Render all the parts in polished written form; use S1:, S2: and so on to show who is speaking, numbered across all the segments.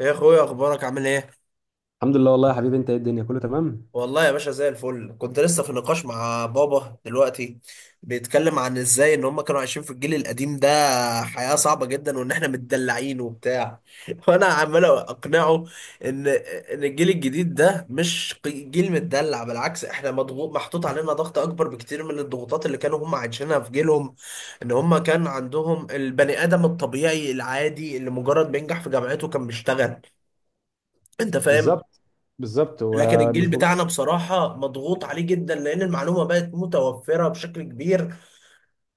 S1: يا اخويا، اخبارك عامل ايه؟
S2: الحمد لله، والله يا حبيبي. انت ايه؟ الدنيا كله تمام؟
S1: والله يا باشا، زي الفل. كنت لسه في نقاش مع بابا دلوقتي، بيتكلم عن ازاي ان هم كانوا عايشين في الجيل القديم ده، حياة صعبة جدا، وان احنا متدلعين وبتاع. وانا عمال اقنعه ان الجيل الجديد ده مش جيل متدلع. بالعكس، احنا مضغوط، محطوط علينا ضغط اكبر بكتير من الضغوطات اللي كانوا هم عايشينها في جيلهم. ان هم كان عندهم البني ادم الطبيعي العادي اللي مجرد بينجح في جامعته كان بيشتغل. انت فاهم؟
S2: بالظبط، بالظبط،
S1: لكن
S2: ومش
S1: الجيل بتاعنا،
S2: مجرد.
S1: بصراحة، مضغوط عليه جدا، لأن المعلومة بقت متوفرة بشكل كبير.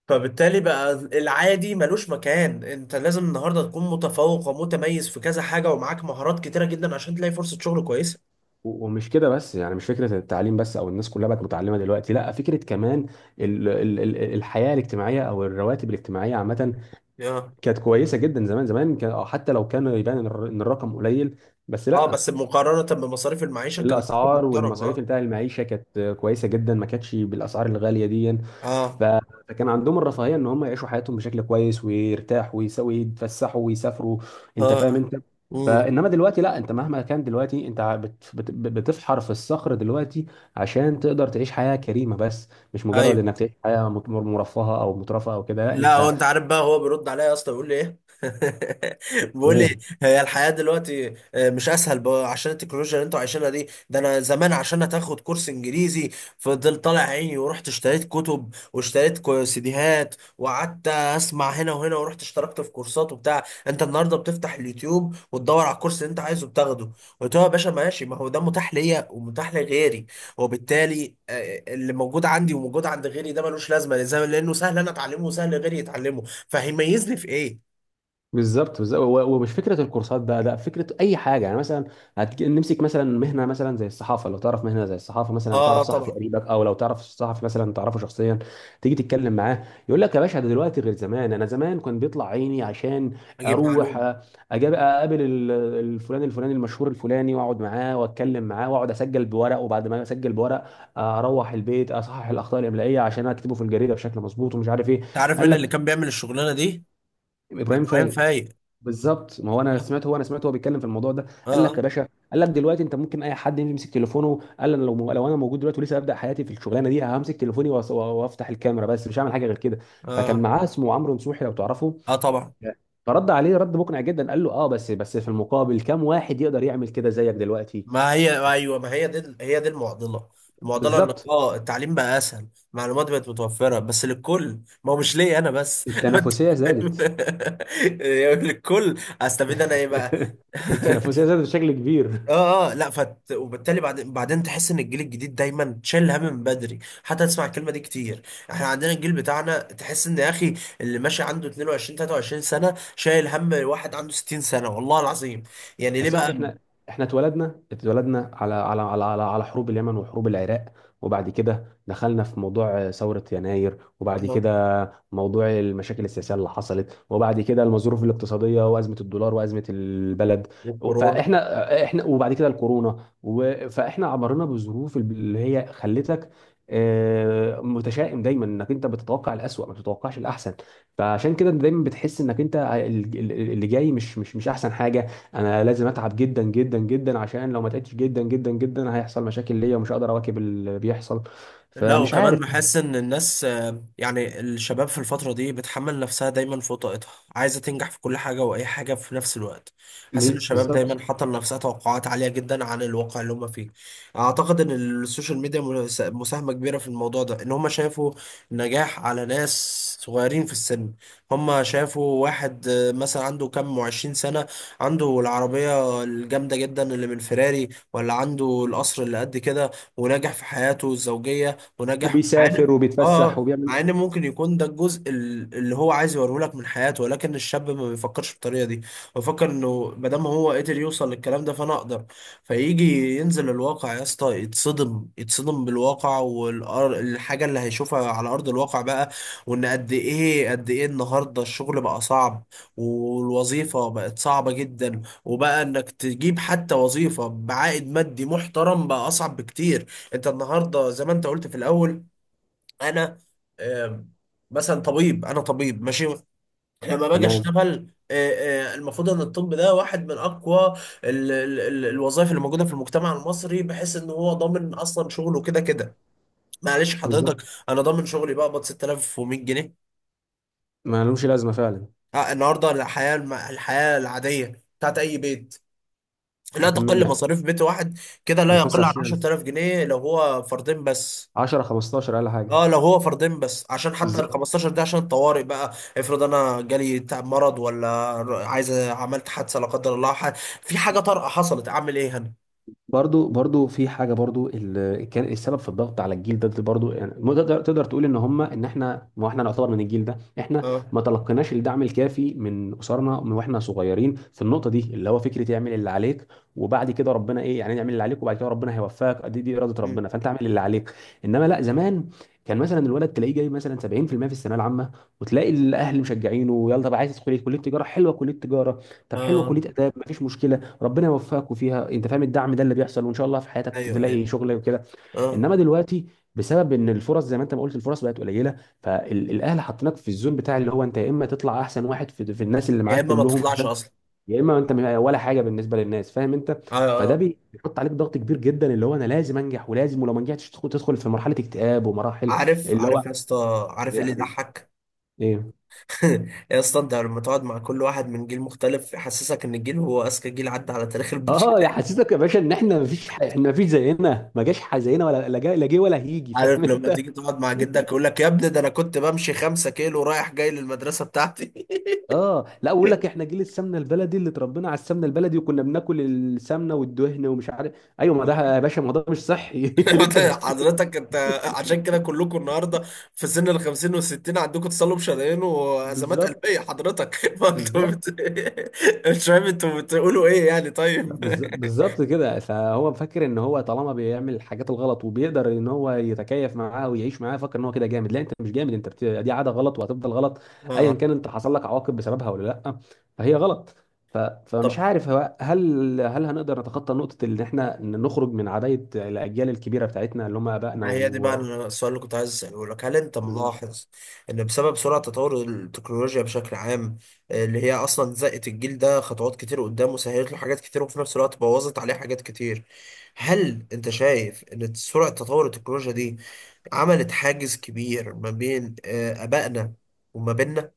S1: فبالتالي بقى العادي ملوش مكان. أنت لازم النهاردة تكون متفوق ومتميز في كذا حاجة، ومعاك مهارات كتيرة جدا عشان تلاقي فرصة شغل كويسة.
S2: ومش كده بس، يعني مش فكره التعليم بس او الناس كلها بقت متعلمه دلوقتي، لا، فكره كمان ال ال ال الحياه الاجتماعيه او الرواتب الاجتماعيه عامه
S1: اه،
S2: كانت كويسه جدا زمان. زمان كان، أو حتى لو كان يبان ان ان الرقم قليل بس،
S1: اه،
S2: لا.
S1: بس مقارنة بمصاريف المعيشة كان رقم
S2: الاسعار
S1: محترم.
S2: والمصاريف
S1: اه.
S2: بتاع المعيشه كانت كويسه جدا، ما كانتش بالاسعار الغاليه دي. ف-
S1: اه،
S2: فكان عندهم الرفاهيه ان هم يعيشوا حياتهم بشكل كويس ويرتاحوا ويسوي يتفسحوا ويسافروا. انت فاهم
S1: اه،
S2: انت؟
S1: امم،
S2: فانما دلوقتي لا، انت مهما كان دلوقتي، انت ع- بت بت بتفحر في الصخر دلوقتي عشان تقدر تعيش حياه كريمه، بس مش مجرد
S1: ايوه.
S2: انك تعيش حياه مرفهه او مترفه او كده، لا
S1: لا، هو
S2: انت.
S1: انت عارف بقى، هو بيرد عليا يا اسطى، بيقول لي ايه؟ بيقول لي: هي الحياه دلوقتي مش اسهل بقى عشان التكنولوجيا اللي انتوا عايشينها دي؟ ده انا زمان عشان هتاخد كورس انجليزي، فضلت طالع عيني، ورحت اشتريت كتب، واشتريت سيديهات، وقعدت اسمع هنا وهنا، ورحت اشتركت في كورسات وبتاع. انت النهارده بتفتح اليوتيوب وتدور على الكورس اللي انت عايزه، بتاخده. قلت له: يا باشا ماشي، ما هو ده متاح ليا ومتاح لغيري، وبالتالي اللي موجود عندي وموجود عند غيري ده ملوش لازمه لانه سهل انا اتعلمه وسهل غيري يتعلمه، فهيميزني في ايه؟
S2: بالظبط، بالظبط، ومش فكره الكورسات بقى، لا فكره اي حاجه. يعني مثلا نمسك مثلا مهنه، مثلا زي الصحافه. لو تعرف مهنه زي الصحافه، مثلا لو
S1: اه، اه،
S2: تعرف صحفي
S1: طبعا
S2: قريبك او لو تعرف صحفي مثلا تعرفه شخصيا، تيجي تتكلم معاه يقول لك يا باشا، ده دلوقتي غير زمان. انا زمان كان بيطلع عيني عشان
S1: اجيب
S2: اروح
S1: معلومه.
S2: أجاب اقابل الفلان الفلاني المشهور الفلاني، واقعد معاه واتكلم معاه واقعد اسجل بورق. وبعد ما اسجل بورق اروح البيت اصحح الاخطاء الاملائيه عشان اكتبه في الجريده بشكل مظبوط ومش عارف ايه.
S1: انت عارف
S2: قال
S1: مين اللي
S2: لك
S1: كان بيعمل الشغلانه دي؟
S2: ابراهيم
S1: ابراهيم
S2: فايق.
S1: فايق.
S2: بالظبط. ما هو انا سمعت هو بيتكلم في الموضوع ده.
S1: اه،
S2: قال لك يا
S1: اه،
S2: باشا، قال لك دلوقتي انت ممكن اي حد يمسك تليفونه. قال انا لو انا موجود دلوقتي ولسه ابدا حياتي في الشغلانه دي، همسك تليفوني وافتح الكاميرا بس، مش هعمل حاجه غير كده.
S1: اه،
S2: فكان
S1: اه،
S2: معاه اسمه عمرو نصوحي، لو تعرفه.
S1: آه، طبعا.
S2: فرد عليه رد مقنع جدا. قال له اه، بس في المقابل كم واحد يقدر يعمل كده زيك دلوقتي؟
S1: ما هي ايوه، ما هي دي هي دي المعضله. المعضله انك
S2: بالظبط.
S1: التعليم بقى اسهل، معلومات بقت متوفره بس للكل، ما هو مش ليا انا بس. انت
S2: التنافسيه
S1: فاهم؟
S2: زادت.
S1: للكل، استفيد انا ايه بقى؟
S2: التنافسيه زادت بشكل كبير.
S1: اه، اه، لا فت... وبالتالي بعدين تحس ان الجيل الجديد دايما شايل هم من بدري، حتى تسمع الكلمه دي كتير. احنا عندنا الجيل بتاعنا، تحس ان يا اخي اللي ماشي عنده 22 23 سنه شايل هم واحد عنده 60 سنه، والله العظيم. يعني
S2: يا
S1: ليه بقى؟
S2: صاحبي، احنا اتولدنا على حروب اليمن وحروب العراق. وبعد كده دخلنا في موضوع ثورة يناير، وبعد
S1: آه،
S2: كده موضوع المشاكل السياسية اللي حصلت، وبعد كده الظروف الاقتصادية وأزمة الدولار وأزمة البلد.
S1: والكورونا.
S2: فاحنا وبعد كده الكورونا فاحنا عبرنا بظروف اللي هي خلتك متشائم دايما، انك انت بتتوقع الأسوأ ما بتتوقعش الأحسن. فعشان كده دايما بتحس انك انت اللي جاي مش احسن حاجة. انا لازم اتعب جدا جدا جدا، عشان لو ما تعبتش جدا جدا جدا هيحصل مشاكل ليا ومش هقدر اواكب اللي بيحصل.
S1: لا،
S2: فمش
S1: وكمان
S2: عارف.
S1: بحس ان الناس، يعني الشباب في الفترة دي بتحمل نفسها دايما فوق طاقتها، عايزة تنجح في كل حاجة واي حاجة في نفس الوقت. حاسس ان الشباب دايما
S2: بالظبط.
S1: حاطة لنفسها توقعات عالية جدا عن الواقع اللي هم فيه. اعتقد ان السوشيال ميديا مساهمة كبيرة في الموضوع ده، ان هم شافوا نجاح على ناس صغيرين في السن. هم شافوا واحد مثلا عنده كام وعشرين سنة، عنده العربية الجامدة جدا اللي من فيراري، ولا عنده القصر اللي قد كده، ونجح في حياته الزوجية، ونجح، مع
S2: وبيسافر
S1: ان،
S2: وبيتفسح وبيعمل.
S1: مع ان ممكن يكون ده الجزء اللي هو عايز يوريه لك من حياته، ولكن الشاب ما بيفكرش بالطريقه دي. بيفكر انه ما دام هو قدر يوصل للكلام ده، فانا اقدر. فيجي ينزل الواقع يا اسطى، يتصدم يتصدم بالواقع والحاجه اللي هيشوفها على ارض الواقع بقى. وان قد ايه قد ايه النهارده الشغل بقى صعب، والوظيفه بقت صعبه جدا، وبقى انك تجيب حتى وظيفة بعائد مادي محترم بقى اصعب بكتير. انت النهارده زي ما انت قلت في الاول، انا، آم، مثلا طبيب، انا طبيب ماشي. لما باجي
S2: تمام.
S1: اشتغل، المفروض ان الطب ده واحد من اقوى الوظائف اللي موجوده في المجتمع المصري، بحيث ان هو ضامن اصلا شغله كده كده. معلش حضرتك،
S2: بالظبط.
S1: انا ضامن شغلي بقبض 6100 جنيه.
S2: ما لهمش لازمه فعلا.
S1: النهارده الحياه الحياه العاديه بتاعت اي بيت، لا
S2: انت
S1: تقل مصاريف بيت واحد كده لا
S2: كان
S1: يقل عن
S2: 25000،
S1: 10,000 جنيه لو هو فردين بس.
S2: 10 15000 اقل حاجه.
S1: اه، لو هو فردين بس، عشان حتى ال
S2: بالظبط.
S1: 15 ده عشان الطوارئ بقى، افرض انا جالي تعب، مرض، ولا عايز، عملت حادثه لا قدر الله، في حاجه طارئه حصلت، اعمل ايه هنا؟
S2: برضو في حاجه برضو اللي كان السبب في الضغط على الجيل ده، ده برضو. يعني ما تقدر تقول ان هم ان احنا، ما احنا نعتبر من الجيل ده، احنا
S1: اه.
S2: ما تلقيناش الدعم الكافي من اسرنا من واحنا صغيرين في النقطه دي اللي هو فكره اعمل اللي عليك، وبعد كده ربنا ايه، يعني اعمل اللي عليك وبعد كده ربنا هيوفقك. دي اراده
S1: مم.
S2: ربنا، فانت اعمل اللي عليك. انما لا، زمان كان مثلا الولد تلاقيه جاي مثلا 70% في المية في الثانويه العامه، وتلاقي الاهل مشجعينه: يلا طب، عايز تدخل إيه؟ كليه تجاره؟ حلوه كليه تجاره. طب حلوه
S1: اه،
S2: كليه اداب، مفيش مشكله، ربنا يوفقك فيها. انت فاهم الدعم ده اللي بيحصل؟ وان شاء الله في حياتك
S1: ايوه، ايوه،
S2: تلاقي شغل وكده.
S1: اه.
S2: انما دلوقتي، بسبب ان الفرص، زي ما انت ما قلت، الفرص بقت قليله، فالاهل حاطينك في الزون بتاع اللي هو انت يا اما تطلع احسن واحد في الناس اللي
S1: يا
S2: معاك
S1: اما ما
S2: كلهم
S1: تطلعش
S2: عشان،
S1: اصلا.
S2: يا اما انت ولا حاجه بالنسبه للناس. فاهم انت؟
S1: اه،
S2: فده
S1: اه،
S2: بيحط عليك ضغط كبير جدا، اللي هو انا لازم انجح ولازم، ولو ما نجحتش تدخل في مرحله اكتئاب ومراحل
S1: عارف
S2: اللي هو.
S1: عارف يا اسطى، عارف ايه
S2: ايه يا
S1: اللي
S2: حبيبي؟
S1: يضحك؟
S2: ايه؟
S1: يا اسطى، انت لما تقعد مع كل واحد من جيل مختلف، يحسسك ان الجيل هو اذكى جيل عدى على تاريخ البشر.
S2: اه، يا حسيتك يا باشا ان احنا مفيش احنا مفيش زينا، ما جاش زينا، ولا لا لا جه ولا هيجي.
S1: عارف
S2: فاهم
S1: لما
S2: انت؟
S1: تيجي تقعد مع جدك، يقول لك: يا ابني، ده انا كنت بمشي 5 كيلو رايح جاي للمدرسه بتاعتي.
S2: اه لا، اقول لك احنا جيل السمنه البلدي، اللي اتربينا على السمنه البلدي، وكنا بناكل السمنه والدهن ومش عارف ايوه. ما ده يا باشا، ما ده مش صحي اللي
S1: انت
S2: انت بتقوله.
S1: حضرتك، انت عشان كده كلكم النهارده في سن ال 50 وال 60 عندكم تصلب شرايين وازمات
S2: بالظبط.
S1: قلبيه حضرتك.
S2: بالظبط.
S1: مش فاهم انتوا بتقولوا ايه يعني،
S2: لا،
S1: طيب.
S2: بالظبط كده. فهو فاكر ان هو طالما بيعمل الحاجات الغلط وبيقدر ان هو يتكيف معاها ويعيش معاها، فاكر ان هو كده جامد. لا انت مش جامد، انت دي عاده غلط وهتفضل غلط. ايا
S1: اه.
S2: كان انت حصل لك عواقب بسببها ولا لا، فهي غلط. فمش
S1: طب،
S2: عارف هو، هل هنقدر نتخطى نقطه ان احنا نخرج من عبايه الاجيال الكبيره بتاعتنا اللي هم ابائنا
S1: ما هي دي بقى
S2: و...
S1: السؤال اللي كنت عايز اساله لك، هل انت
S2: بالظبط.
S1: ملاحظ ان بسبب سرعه تطور التكنولوجيا بشكل عام، اللي هي اصلا زقت الجيل ده خطوات كتير قدام، وسهلت له حاجات كتير، وفي نفس الوقت بوظت عليه حاجات كتير، هل انت شايف ان سرعه تطور التكنولوجيا دي عملت حاجز كبير ما بين آبائنا وما بيننا؟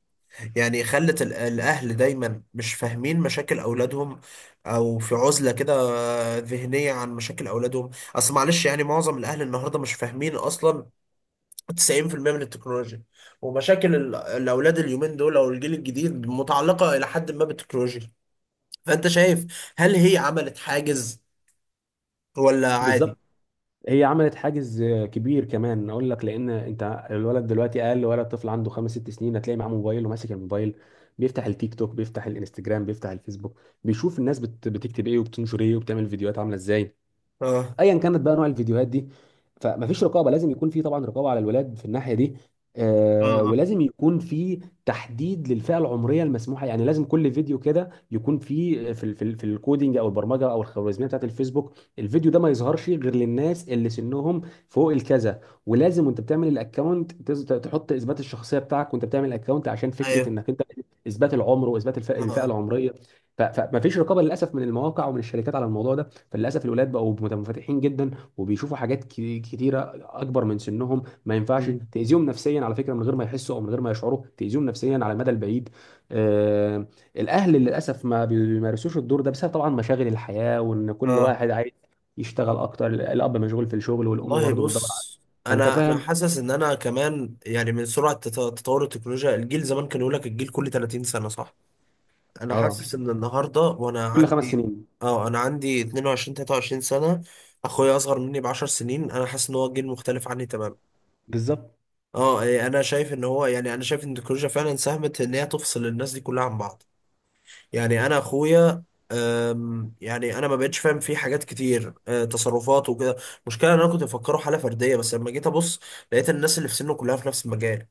S1: يعني خلت الأهل دايما مش فاهمين مشاكل أولادهم، أو في عزلة كده ذهنية عن مشاكل أولادهم. أصل معلش يعني، معظم الأهل النهاردة مش فاهمين أصلا 90% من التكنولوجيا، ومشاكل الأولاد اليومين دول، أو الجيل الجديد، متعلقة إلى حد ما بالتكنولوجيا. فأنت شايف، هل هي عملت حاجز ولا عادي؟
S2: بالظبط. هي عملت حاجز كبير، كمان اقول لك. لان انت الولد دلوقتي، اقل ولد طفل عنده خمس ست سنين هتلاقي معاه موبايل وماسك الموبايل، بيفتح التيك توك، بيفتح الانستجرام، بيفتح الفيسبوك، بيشوف الناس بتكتب ايه وبتنشر ايه وبتعمل فيديوهات عامله ازاي،
S1: آه،
S2: ايا كانت بقى نوع الفيديوهات دي. فمفيش رقابه. لازم يكون في طبعا رقابه على الولاد في الناحيه دي،
S1: آه،
S2: آه،
S1: آه.
S2: ولازم يكون في تحديد للفئه العمريه المسموحه. يعني لازم كل فيديو كده يكون في في في الكودينج او البرمجه او الخوارزميه بتاعت الفيسبوك، الفيديو ده ما يظهرش غير للناس اللي سنهم فوق الكذا. ولازم وانت بتعمل الاكونت تحط اثبات الشخصيه بتاعك وانت بتعمل الاكونت، عشان فكره
S1: أيوه،
S2: انك انت اثبات العمر واثبات
S1: آه،
S2: الفئة
S1: آه،
S2: العمريه. فمفيش رقابه للاسف من المواقع ومن الشركات على الموضوع ده. فللاسف الولاد بقوا منفتحين جدا، وبيشوفوا حاجات كتيره اكبر من سنهم. ما ينفعش
S1: مم.
S2: تاذيهم نفسيا، على فكره، من غير ما يحسوا او من غير ما يشعروا، تاذيهم نفسيا على المدى البعيد. آه. الاهل للاسف ما بيمارسوش الدور ده، بسبب طبعا مشاغل الحياه، وان كل
S1: آه،
S2: واحد عايز يشتغل اكتر. الاب مشغول في الشغل والام
S1: والله
S2: برضه بتدور على.
S1: بص،
S2: فانت
S1: انا
S2: فاهم.
S1: حاسس ان انا كمان يعني، من سرعه تطور التكنولوجيا، الجيل زمان كان يقول لك: الجيل كل 30 سنه، صح؟ انا
S2: اه،
S1: حاسس ان النهارده وانا
S2: كل خمس
S1: عندي،
S2: سنين.
S1: اه، انا عندي 22 23 سنه، اخويا اصغر مني ب 10 سنين، انا حاسس ان هو جيل مختلف عني تماما.
S2: بالظبط.
S1: اه، انا شايف ان هو يعني، انا شايف ان التكنولوجيا فعلا ساهمت ان هي تفصل الناس دي كلها عن بعض. يعني انا اخويا، يعني انا ما بقتش فاهم فيه حاجات كتير، تصرفات وكده. المشكله ان انا كنت مفكره حاله فرديه، بس لما جيت ابص لقيت الناس اللي في سنه كلها في نفس المجال.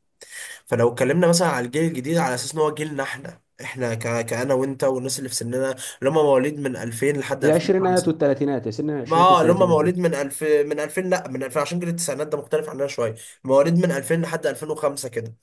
S1: فلو اتكلمنا مثلا على الجيل الجديد على اساس ان هو جيلنا احنا، كانا وانت والناس اللي في سننا، اللي هم مواليد من 2000 لحد
S2: العشرينات
S1: 2005،
S2: والثلاثينات، سن
S1: ما
S2: العشرينات
S1: اللي هم
S2: والثلاثينات.
S1: مواليد من 2000، من 2000، لا، من 2000، عشان جيل التسعينات ده مختلف عننا شويه. مواليد من 2000 لحد 2005 كده.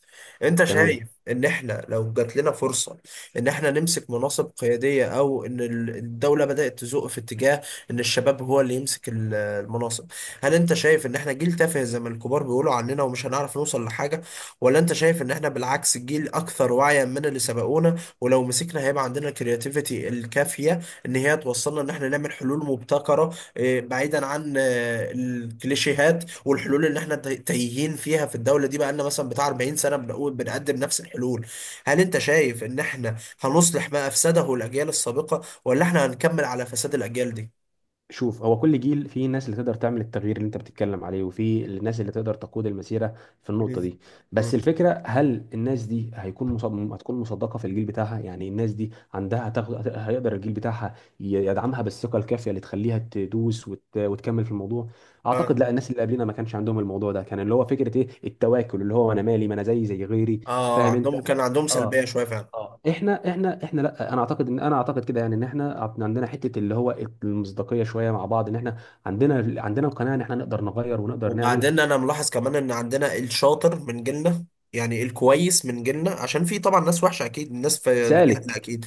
S1: انت
S2: تمام.
S1: شايف ان احنا لو جات لنا فرصة ان احنا نمسك مناصب قيادية، او ان الدولة بدأت تزق في اتجاه ان الشباب هو اللي يمسك المناصب، هل انت شايف ان احنا جيل تافه زي ما الكبار بيقولوا عننا ومش هنعرف نوصل لحاجة؟ ولا انت شايف ان احنا بالعكس جيل اكثر وعيا من اللي سبقونا، ولو مسكنا هيبقى عندنا الكرياتيفيتي الكافية ان هي توصلنا ان احنا نعمل حلول مبتكرة، بعيدا عن الكليشيهات والحلول اللي احنا تايهين فيها في الدولة دي بقالنا مثلا بتاع 40 سنة بنقول بنقدم نفس الحلول؟ هل انت شايف ان احنا هنصلح ما افسده الاجيال السابقة، ولا احنا هنكمل على فساد الاجيال دي؟
S2: شوف، هو كل جيل فيه ناس اللي تقدر تعمل التغيير اللي انت بتتكلم عليه، وفي الناس اللي تقدر تقود المسيره في النقطه
S1: مم.
S2: دي.
S1: مم.
S2: بس الفكره، هل الناس دي هيكون هتكون مصدقه في الجيل بتاعها؟ يعني الناس دي عندها هيقدر الجيل بتاعها يدعمها بالثقه الكافيه اللي تخليها تدوس وتكمل في الموضوع. اعتقد
S1: اه،
S2: لا. الناس اللي قبلنا ما كانش عندهم الموضوع ده، كان اللي هو فكره ايه التواكل، اللي هو انا مالي، ما انا زي غيري.
S1: اه،
S2: فاهم انت؟
S1: عندهم كان عندهم
S2: اه.
S1: سلبية شوية فعلا.
S2: اه، احنا لا، انا اعتقد ان انا اعتقد كده، يعني ان احنا عندنا حته اللي هو المصداقيه شويه مع بعض، ان احنا عندنا القناعه ان احنا نقدر نغير ونقدر نعمل.
S1: وبعدين انا ملاحظ كمان ان عندنا الشاطر من جيلنا، يعني الكويس من جيلنا، عشان في طبعا ناس وحشة اكيد، الناس في جيلنا
S2: سالك
S1: اكيد،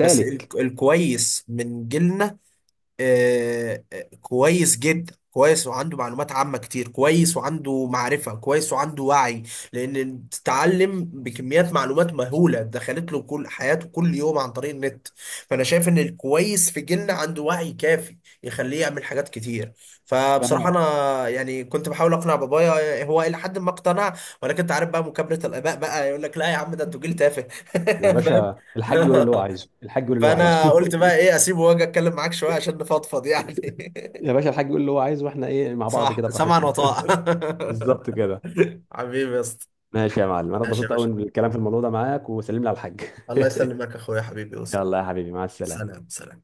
S1: بس الكويس من جيلنا كويس جدا، كويس وعنده معلومات عامة كتير، كويس وعنده معرفة، كويس وعنده وعي. لأن تتعلم بكميات معلومات مهولة دخلت له كل حياته كل يوم عن طريق النت. فأنا شايف إن الكويس في جيلنا عنده وعي كافي يخليه يعمل حاجات كتير. فبصراحة
S2: فانا.
S1: أنا يعني كنت بحاول أقنع بابايا، هو إلى حد ما اقتنع، ولكن أنت عارف بقى مكابرة الآباء، بقى يقول لك: لا يا عم، ده أنتوا جيل تافه.
S2: يا
S1: فاهم؟
S2: باشا الحاج يقول اللي هو عايزه، الحاج يقول اللي هو
S1: فانا
S2: عايزه.
S1: قلت بقى ايه، اسيبه واجي اتكلم معاك شويه عشان نفضفض يعني.
S2: يا باشا الحاج يقول اللي هو عايزه، واحنا ايه مع بعض
S1: صح،
S2: كده
S1: سمعا
S2: براحتنا.
S1: وطاعة.
S2: بالظبط كده.
S1: حبيبي يا اسطى.
S2: ماشي يا معلم، انا
S1: ماشي يا
S2: اتبسطت
S1: باشا،
S2: قوي بالكلام في الموضوع ده معاك. وسلم لي على الحاج.
S1: الله يسلمك يا اخويا، حبيبي يوصل.
S2: يلا يا حبيبي، مع السلامه.
S1: سلام، سلام.